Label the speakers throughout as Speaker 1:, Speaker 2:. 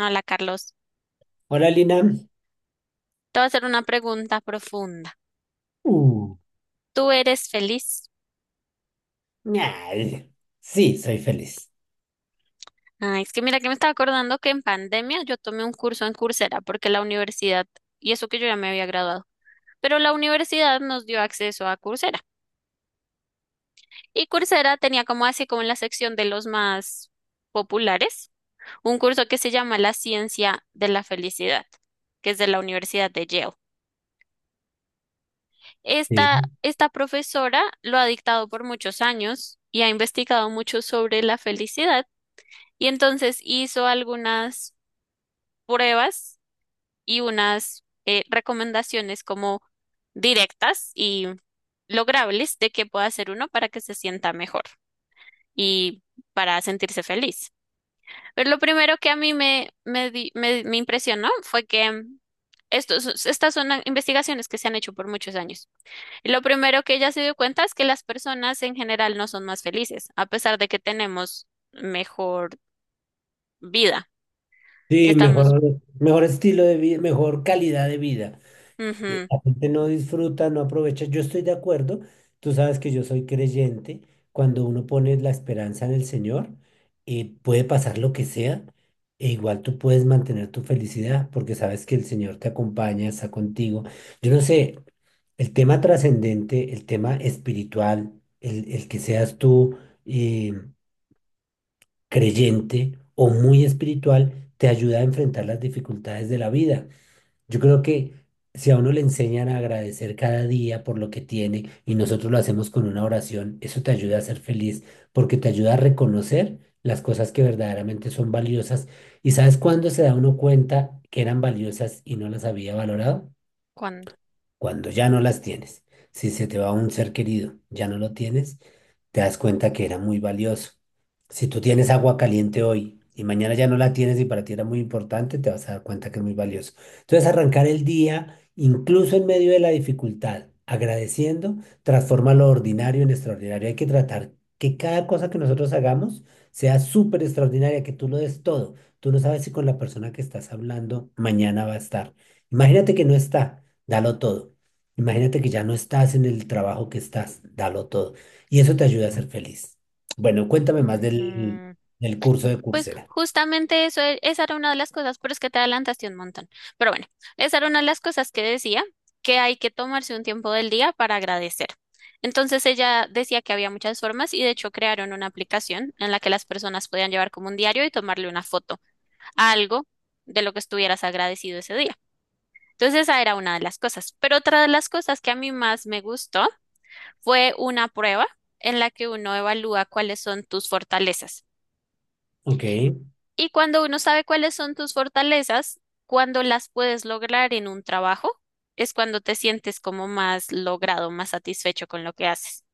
Speaker 1: Hola, Carlos.
Speaker 2: Hola Lina.
Speaker 1: Te voy a hacer una pregunta profunda.
Speaker 2: Uh,
Speaker 1: ¿Tú eres feliz?
Speaker 2: ay, sí, soy feliz.
Speaker 1: Ay, es que mira que me estaba acordando que en pandemia yo tomé un curso en Coursera porque la universidad, y eso que yo ya me había graduado, pero la universidad nos dio acceso a Coursera. Y Coursera tenía como así como en la sección de los más populares, un curso que se llama La Ciencia de la Felicidad, que es de la Universidad de Yale.
Speaker 2: Sí,
Speaker 1: Esta profesora lo ha dictado por muchos años y ha investigado mucho sobre la felicidad. Y entonces hizo algunas pruebas y unas recomendaciones como directas y logrables de qué puede hacer uno para que se sienta mejor y para sentirse feliz. Pero lo primero que a mí me impresionó fue que estas son investigaciones que se han hecho por muchos años. Y lo primero que ella se dio cuenta es que las personas en general no son más felices, a pesar de que tenemos mejor vida.
Speaker 2: sí,
Speaker 1: Estamos...
Speaker 2: mejor, mejor estilo de vida, mejor calidad de vida. eh,
Speaker 1: ujú.
Speaker 2: La gente no disfruta, no aprovecha. Yo estoy de acuerdo. Tú sabes que yo soy creyente. Cuando uno pone la esperanza en el Señor, puede pasar lo que sea, e igual tú puedes mantener tu felicidad porque sabes que el Señor te acompaña, está contigo. Yo no sé, el tema trascendente, el tema espiritual, el que seas tú eh, creyente o muy espiritual, te ayuda a enfrentar las dificultades de la vida. Yo creo que si a uno le enseñan a agradecer cada día por lo que tiene y nosotros lo hacemos con una oración, eso te ayuda a ser feliz porque te ayuda a reconocer las cosas que verdaderamente son valiosas. ¿Y sabes cuándo se da uno cuenta que eran valiosas y no las había valorado?
Speaker 1: ¿Cuándo?
Speaker 2: Cuando ya no las tienes, si se te va un ser querido, ya no lo tienes, te das cuenta que era muy valioso. Si tú tienes agua caliente hoy y mañana ya no la tienes y para ti era muy importante, te vas a dar cuenta que es muy valioso. Entonces, arrancar el día, incluso en medio de la dificultad, agradeciendo, transforma lo ordinario en extraordinario. Hay que tratar que cada cosa que nosotros hagamos sea súper extraordinaria, que tú lo des todo. Tú no sabes si con la persona que estás hablando mañana va a estar. Imagínate que no está. Dalo todo. Imagínate que ya no estás en el trabajo que estás, dalo todo. Y eso te ayuda a ser feliz. Bueno, cuéntame
Speaker 1: Ujú.
Speaker 2: más del curso de
Speaker 1: Pues
Speaker 2: Coursera.
Speaker 1: justamente eso, esa era una de las cosas, pero es que te adelantaste un montón. Pero bueno, esa era una de las cosas que decía, que hay que tomarse un tiempo del día para agradecer. Entonces ella decía que había muchas formas y de hecho crearon una aplicación en la que las personas podían llevar como un diario y tomarle una foto a algo de lo que estuvieras agradecido ese día. Entonces esa era una de las cosas. Pero otra de las cosas que a mí más me gustó fue una prueba en la que uno evalúa cuáles son tus fortalezas.
Speaker 2: Ok,
Speaker 1: Y cuando uno sabe cuáles son tus fortalezas, cuando las puedes lograr en un trabajo, es cuando te sientes como más logrado, más satisfecho con lo que haces.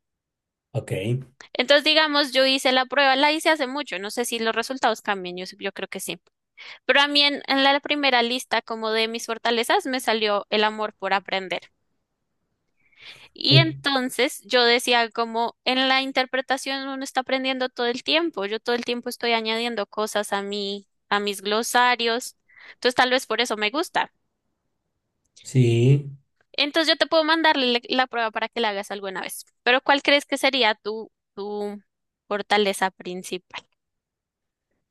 Speaker 2: ok. Eh,
Speaker 1: Entonces, digamos, yo hice la prueba, la hice hace mucho, no sé si los resultados cambian, yo creo que sí. Pero a mí en la primera lista como de mis fortalezas me salió el amor por aprender. Y entonces yo decía como en la interpretación uno está aprendiendo todo el tiempo, yo todo el tiempo estoy añadiendo cosas a a mis glosarios, entonces tal vez por eso me gusta.
Speaker 2: Sí,
Speaker 1: Entonces yo te puedo mandarle la prueba para que la hagas alguna vez, pero ¿cuál crees que sería tu fortaleza principal?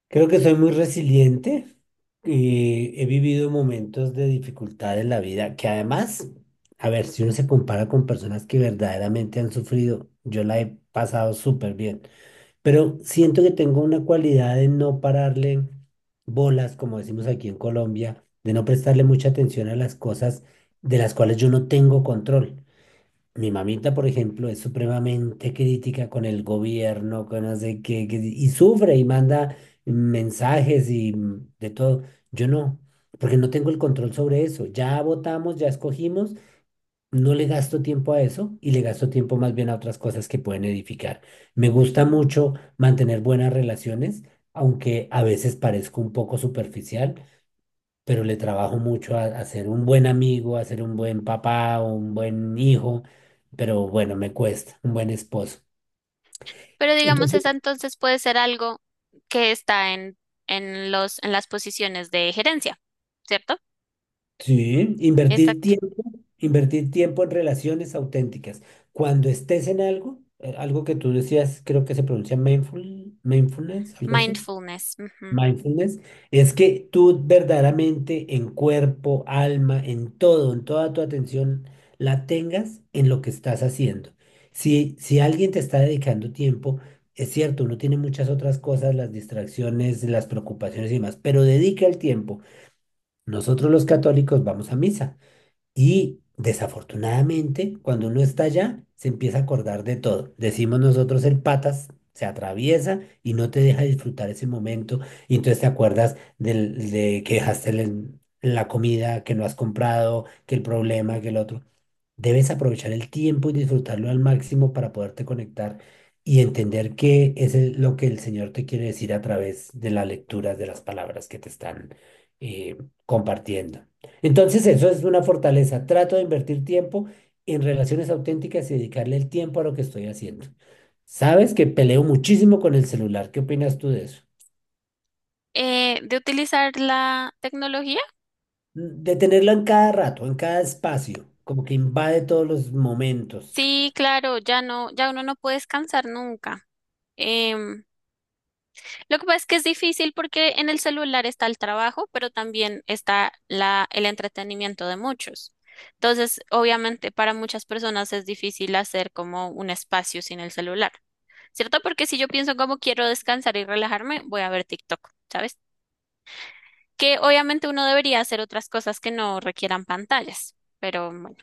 Speaker 2: creo que soy muy resiliente y he vivido momentos de dificultad en la vida que además, a ver, si uno se compara con personas que verdaderamente han sufrido, yo la he pasado súper bien. Pero siento que tengo una cualidad de no pararle bolas, como decimos aquí en Colombia, de no prestarle mucha atención a las cosas de las cuales yo no tengo control. Mi mamita, por ejemplo, es supremamente crítica con el gobierno, con no sé qué, que- si, y sufre y manda mensajes y de todo. Yo no, porque no tengo el control sobre eso. Ya votamos, ya escogimos, no le gasto tiempo a eso y le gasto tiempo más bien a otras cosas que pueden edificar. Me gusta mucho mantener buenas relaciones, aunque a veces parezco un poco superficial, pero le trabajo mucho a ser un buen amigo, a ser un buen papá, un buen hijo, pero bueno, me cuesta, un buen esposo.
Speaker 1: Pero digamos
Speaker 2: Entonces,
Speaker 1: esa entonces puede ser algo que está en en las posiciones de gerencia, ¿cierto?
Speaker 2: sí,
Speaker 1: Exacto.
Speaker 2: invertir tiempo en relaciones auténticas. Cuando estés en algo, algo que tú decías, creo que se pronuncia mindful, mindfulness, algo así.
Speaker 1: Mindfulness.
Speaker 2: Mindfulness es que tú verdaderamente en cuerpo, alma, en todo, en toda tu atención, la tengas en lo que estás haciendo. Si, si alguien te está dedicando tiempo, es cierto, uno tiene muchas otras cosas, las distracciones, las preocupaciones y demás, pero dedica el tiempo. Nosotros los católicos vamos a misa. Y desafortunadamente, cuando uno está allá, se empieza a acordar de todo. Decimos nosotros el patas, se atraviesa y no te deja disfrutar ese momento. Y entonces te acuerdas de que dejaste la comida, que no has comprado, que el problema, que el otro. Debes aprovechar el tiempo y disfrutarlo al máximo para poderte conectar y entender qué es lo que el Señor te quiere decir a través de la lectura de las palabras que te están eh, compartiendo. Entonces, eso es una fortaleza. Trato de invertir tiempo en relaciones auténticas y dedicarle el tiempo a lo que estoy haciendo. Sabes que peleo muchísimo con el celular. ¿Qué opinas tú de eso?
Speaker 1: De utilizar la tecnología?
Speaker 2: De tenerlo en cada rato, en cada espacio, como que invade todos los momentos.
Speaker 1: Sí, claro, ya no, ya uno no puede descansar nunca. Em, lo que pasa es que es difícil porque en el celular está el trabajo, pero también está el entretenimiento de muchos. Entonces, obviamente, para muchas personas es difícil hacer como un espacio sin el celular, ¿cierto? Porque si yo pienso como quiero descansar y relajarme, voy a ver TikTok, ¿sabes? Que obviamente uno debería hacer otras cosas que no requieran pantallas, pero bueno.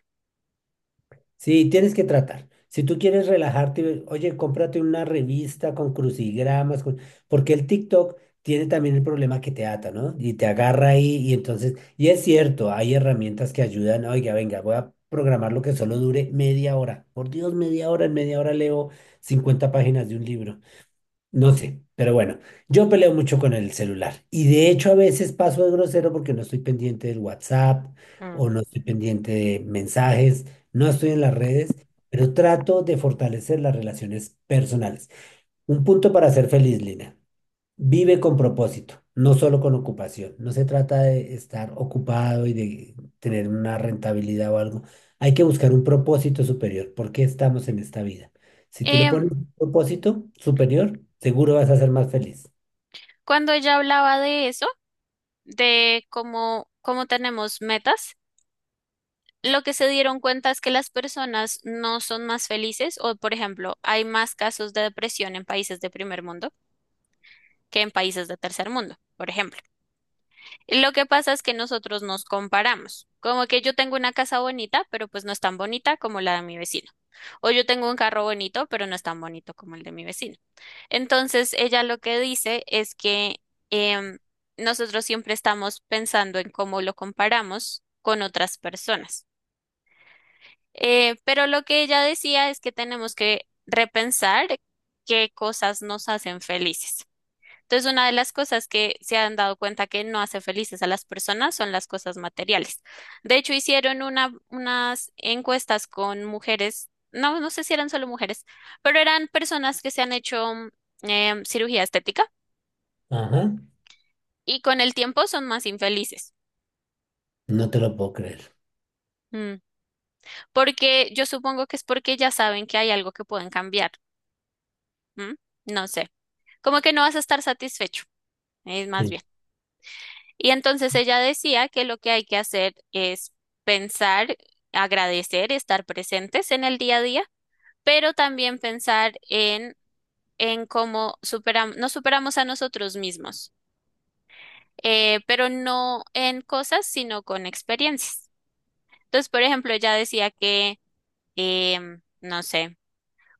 Speaker 2: Sí, tienes que tratar. Si tú quieres relajarte, oye, cómprate una revista con crucigramas, con- porque el TikTok tiene también el problema que te ata, ¿no? Y te agarra ahí y entonces, y es cierto, hay herramientas que ayudan, oiga, venga, voy a programar lo que solo dure media hora. Por Dios, media hora, en media hora leo 50 páginas de un libro. No sé, pero bueno, yo peleo mucho con el celular y de hecho a veces paso de grosero porque no estoy pendiente del WhatsApp o no estoy pendiente de mensajes, no estoy en las redes, pero trato de fortalecer las relaciones personales. Un punto para ser feliz, Lina. Vive con propósito, no solo con ocupación. No se trata de estar ocupado y de tener una rentabilidad o algo. Hay que buscar un propósito superior. ¿Por qué estamos en esta vida? Si tú le
Speaker 1: Em,
Speaker 2: pones un propósito superior, seguro vas a ser más feliz.
Speaker 1: Cuando ella hablaba de eso, cómo tenemos metas, lo que se dieron cuenta es que las personas no son más felices o, por ejemplo, hay más casos de depresión en países de primer mundo que en países de tercer mundo, por ejemplo. Y lo que pasa es que nosotros nos comparamos, como que yo tengo una casa bonita, pero pues no es tan bonita como la de mi vecino. O yo tengo un carro bonito, pero no es tan bonito como el de mi vecino. Entonces, ella lo que dice es que em, nosotros siempre estamos pensando en cómo lo comparamos con otras personas. Pero lo que ella decía es que tenemos que repensar qué cosas nos hacen felices. Entonces, una de las cosas que se han dado cuenta que no hace felices a las personas son las cosas materiales. De hecho, hicieron unas encuestas con mujeres, no sé si eran solo mujeres, pero eran personas que se han hecho cirugía estética
Speaker 2: Ajá.
Speaker 1: y con el tiempo son más infelices.
Speaker 2: No te lo puedo creer.
Speaker 1: Mm. Porque yo supongo que es porque ya saben que hay algo que pueden cambiar. ¿M? No sé, como que no vas a estar satisfecho, es más
Speaker 2: Sí,
Speaker 1: bien. Y entonces ella decía que lo que hay que hacer es pensar, agradecer, estar presentes en el día a día, pero también pensar en cómo nos superamos a nosotros mismos, pero no en cosas, sino con experiencias. Entonces, por ejemplo, ella decía que, no sé.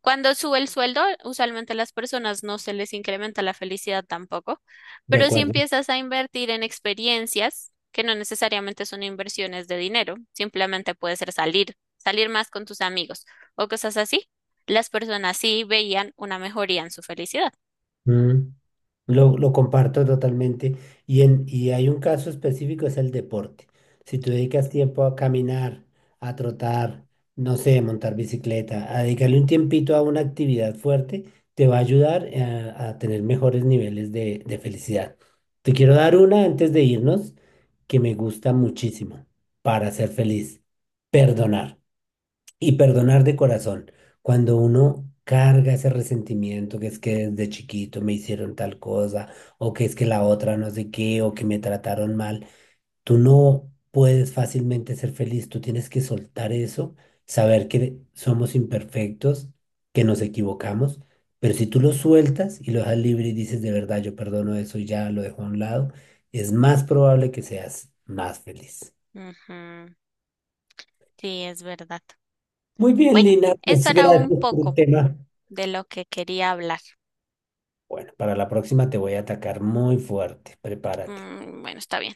Speaker 1: Cuando sube el sueldo, usualmente a las personas no se les incrementa la felicidad tampoco,
Speaker 2: de
Speaker 1: pero si
Speaker 2: acuerdo.
Speaker 1: empiezas a invertir en experiencias, que no necesariamente son inversiones de dinero, simplemente puede ser salir, salir más con tus amigos o cosas así, las personas sí veían una mejoría en su felicidad.
Speaker 2: Mm. Lo comparto totalmente. Y hay un caso específico, es el deporte. Si tú dedicas tiempo a caminar, a trotar, no sé, a montar bicicleta, a dedicarle un tiempito a una actividad fuerte, te va a ayudar a tener mejores niveles de felicidad. Te quiero dar una antes de irnos que me gusta muchísimo para ser feliz. Perdonar. Y perdonar de corazón. Cuando uno carga ese resentimiento que es que desde chiquito me hicieron tal cosa, o que es que la otra no sé qué, o que me trataron mal, tú no puedes fácilmente ser feliz. Tú tienes que soltar eso, saber que somos imperfectos, que nos equivocamos, pero si tú lo sueltas y lo dejas libre y dices de verdad, yo perdono eso y ya lo dejo a un lado, es más probable que seas más feliz.
Speaker 1: Ujú, sí, es verdad.
Speaker 2: Muy bien,
Speaker 1: Bueno,
Speaker 2: Lina,
Speaker 1: eso
Speaker 2: pues
Speaker 1: era un
Speaker 2: gracias por el
Speaker 1: poco
Speaker 2: tema.
Speaker 1: de lo que quería hablar.
Speaker 2: Bueno, para la próxima te voy a atacar muy fuerte. Prepárate.
Speaker 1: Mm, bueno, está bien.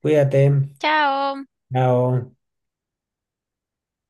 Speaker 2: Cuídate.
Speaker 1: Chao.
Speaker 2: Chao.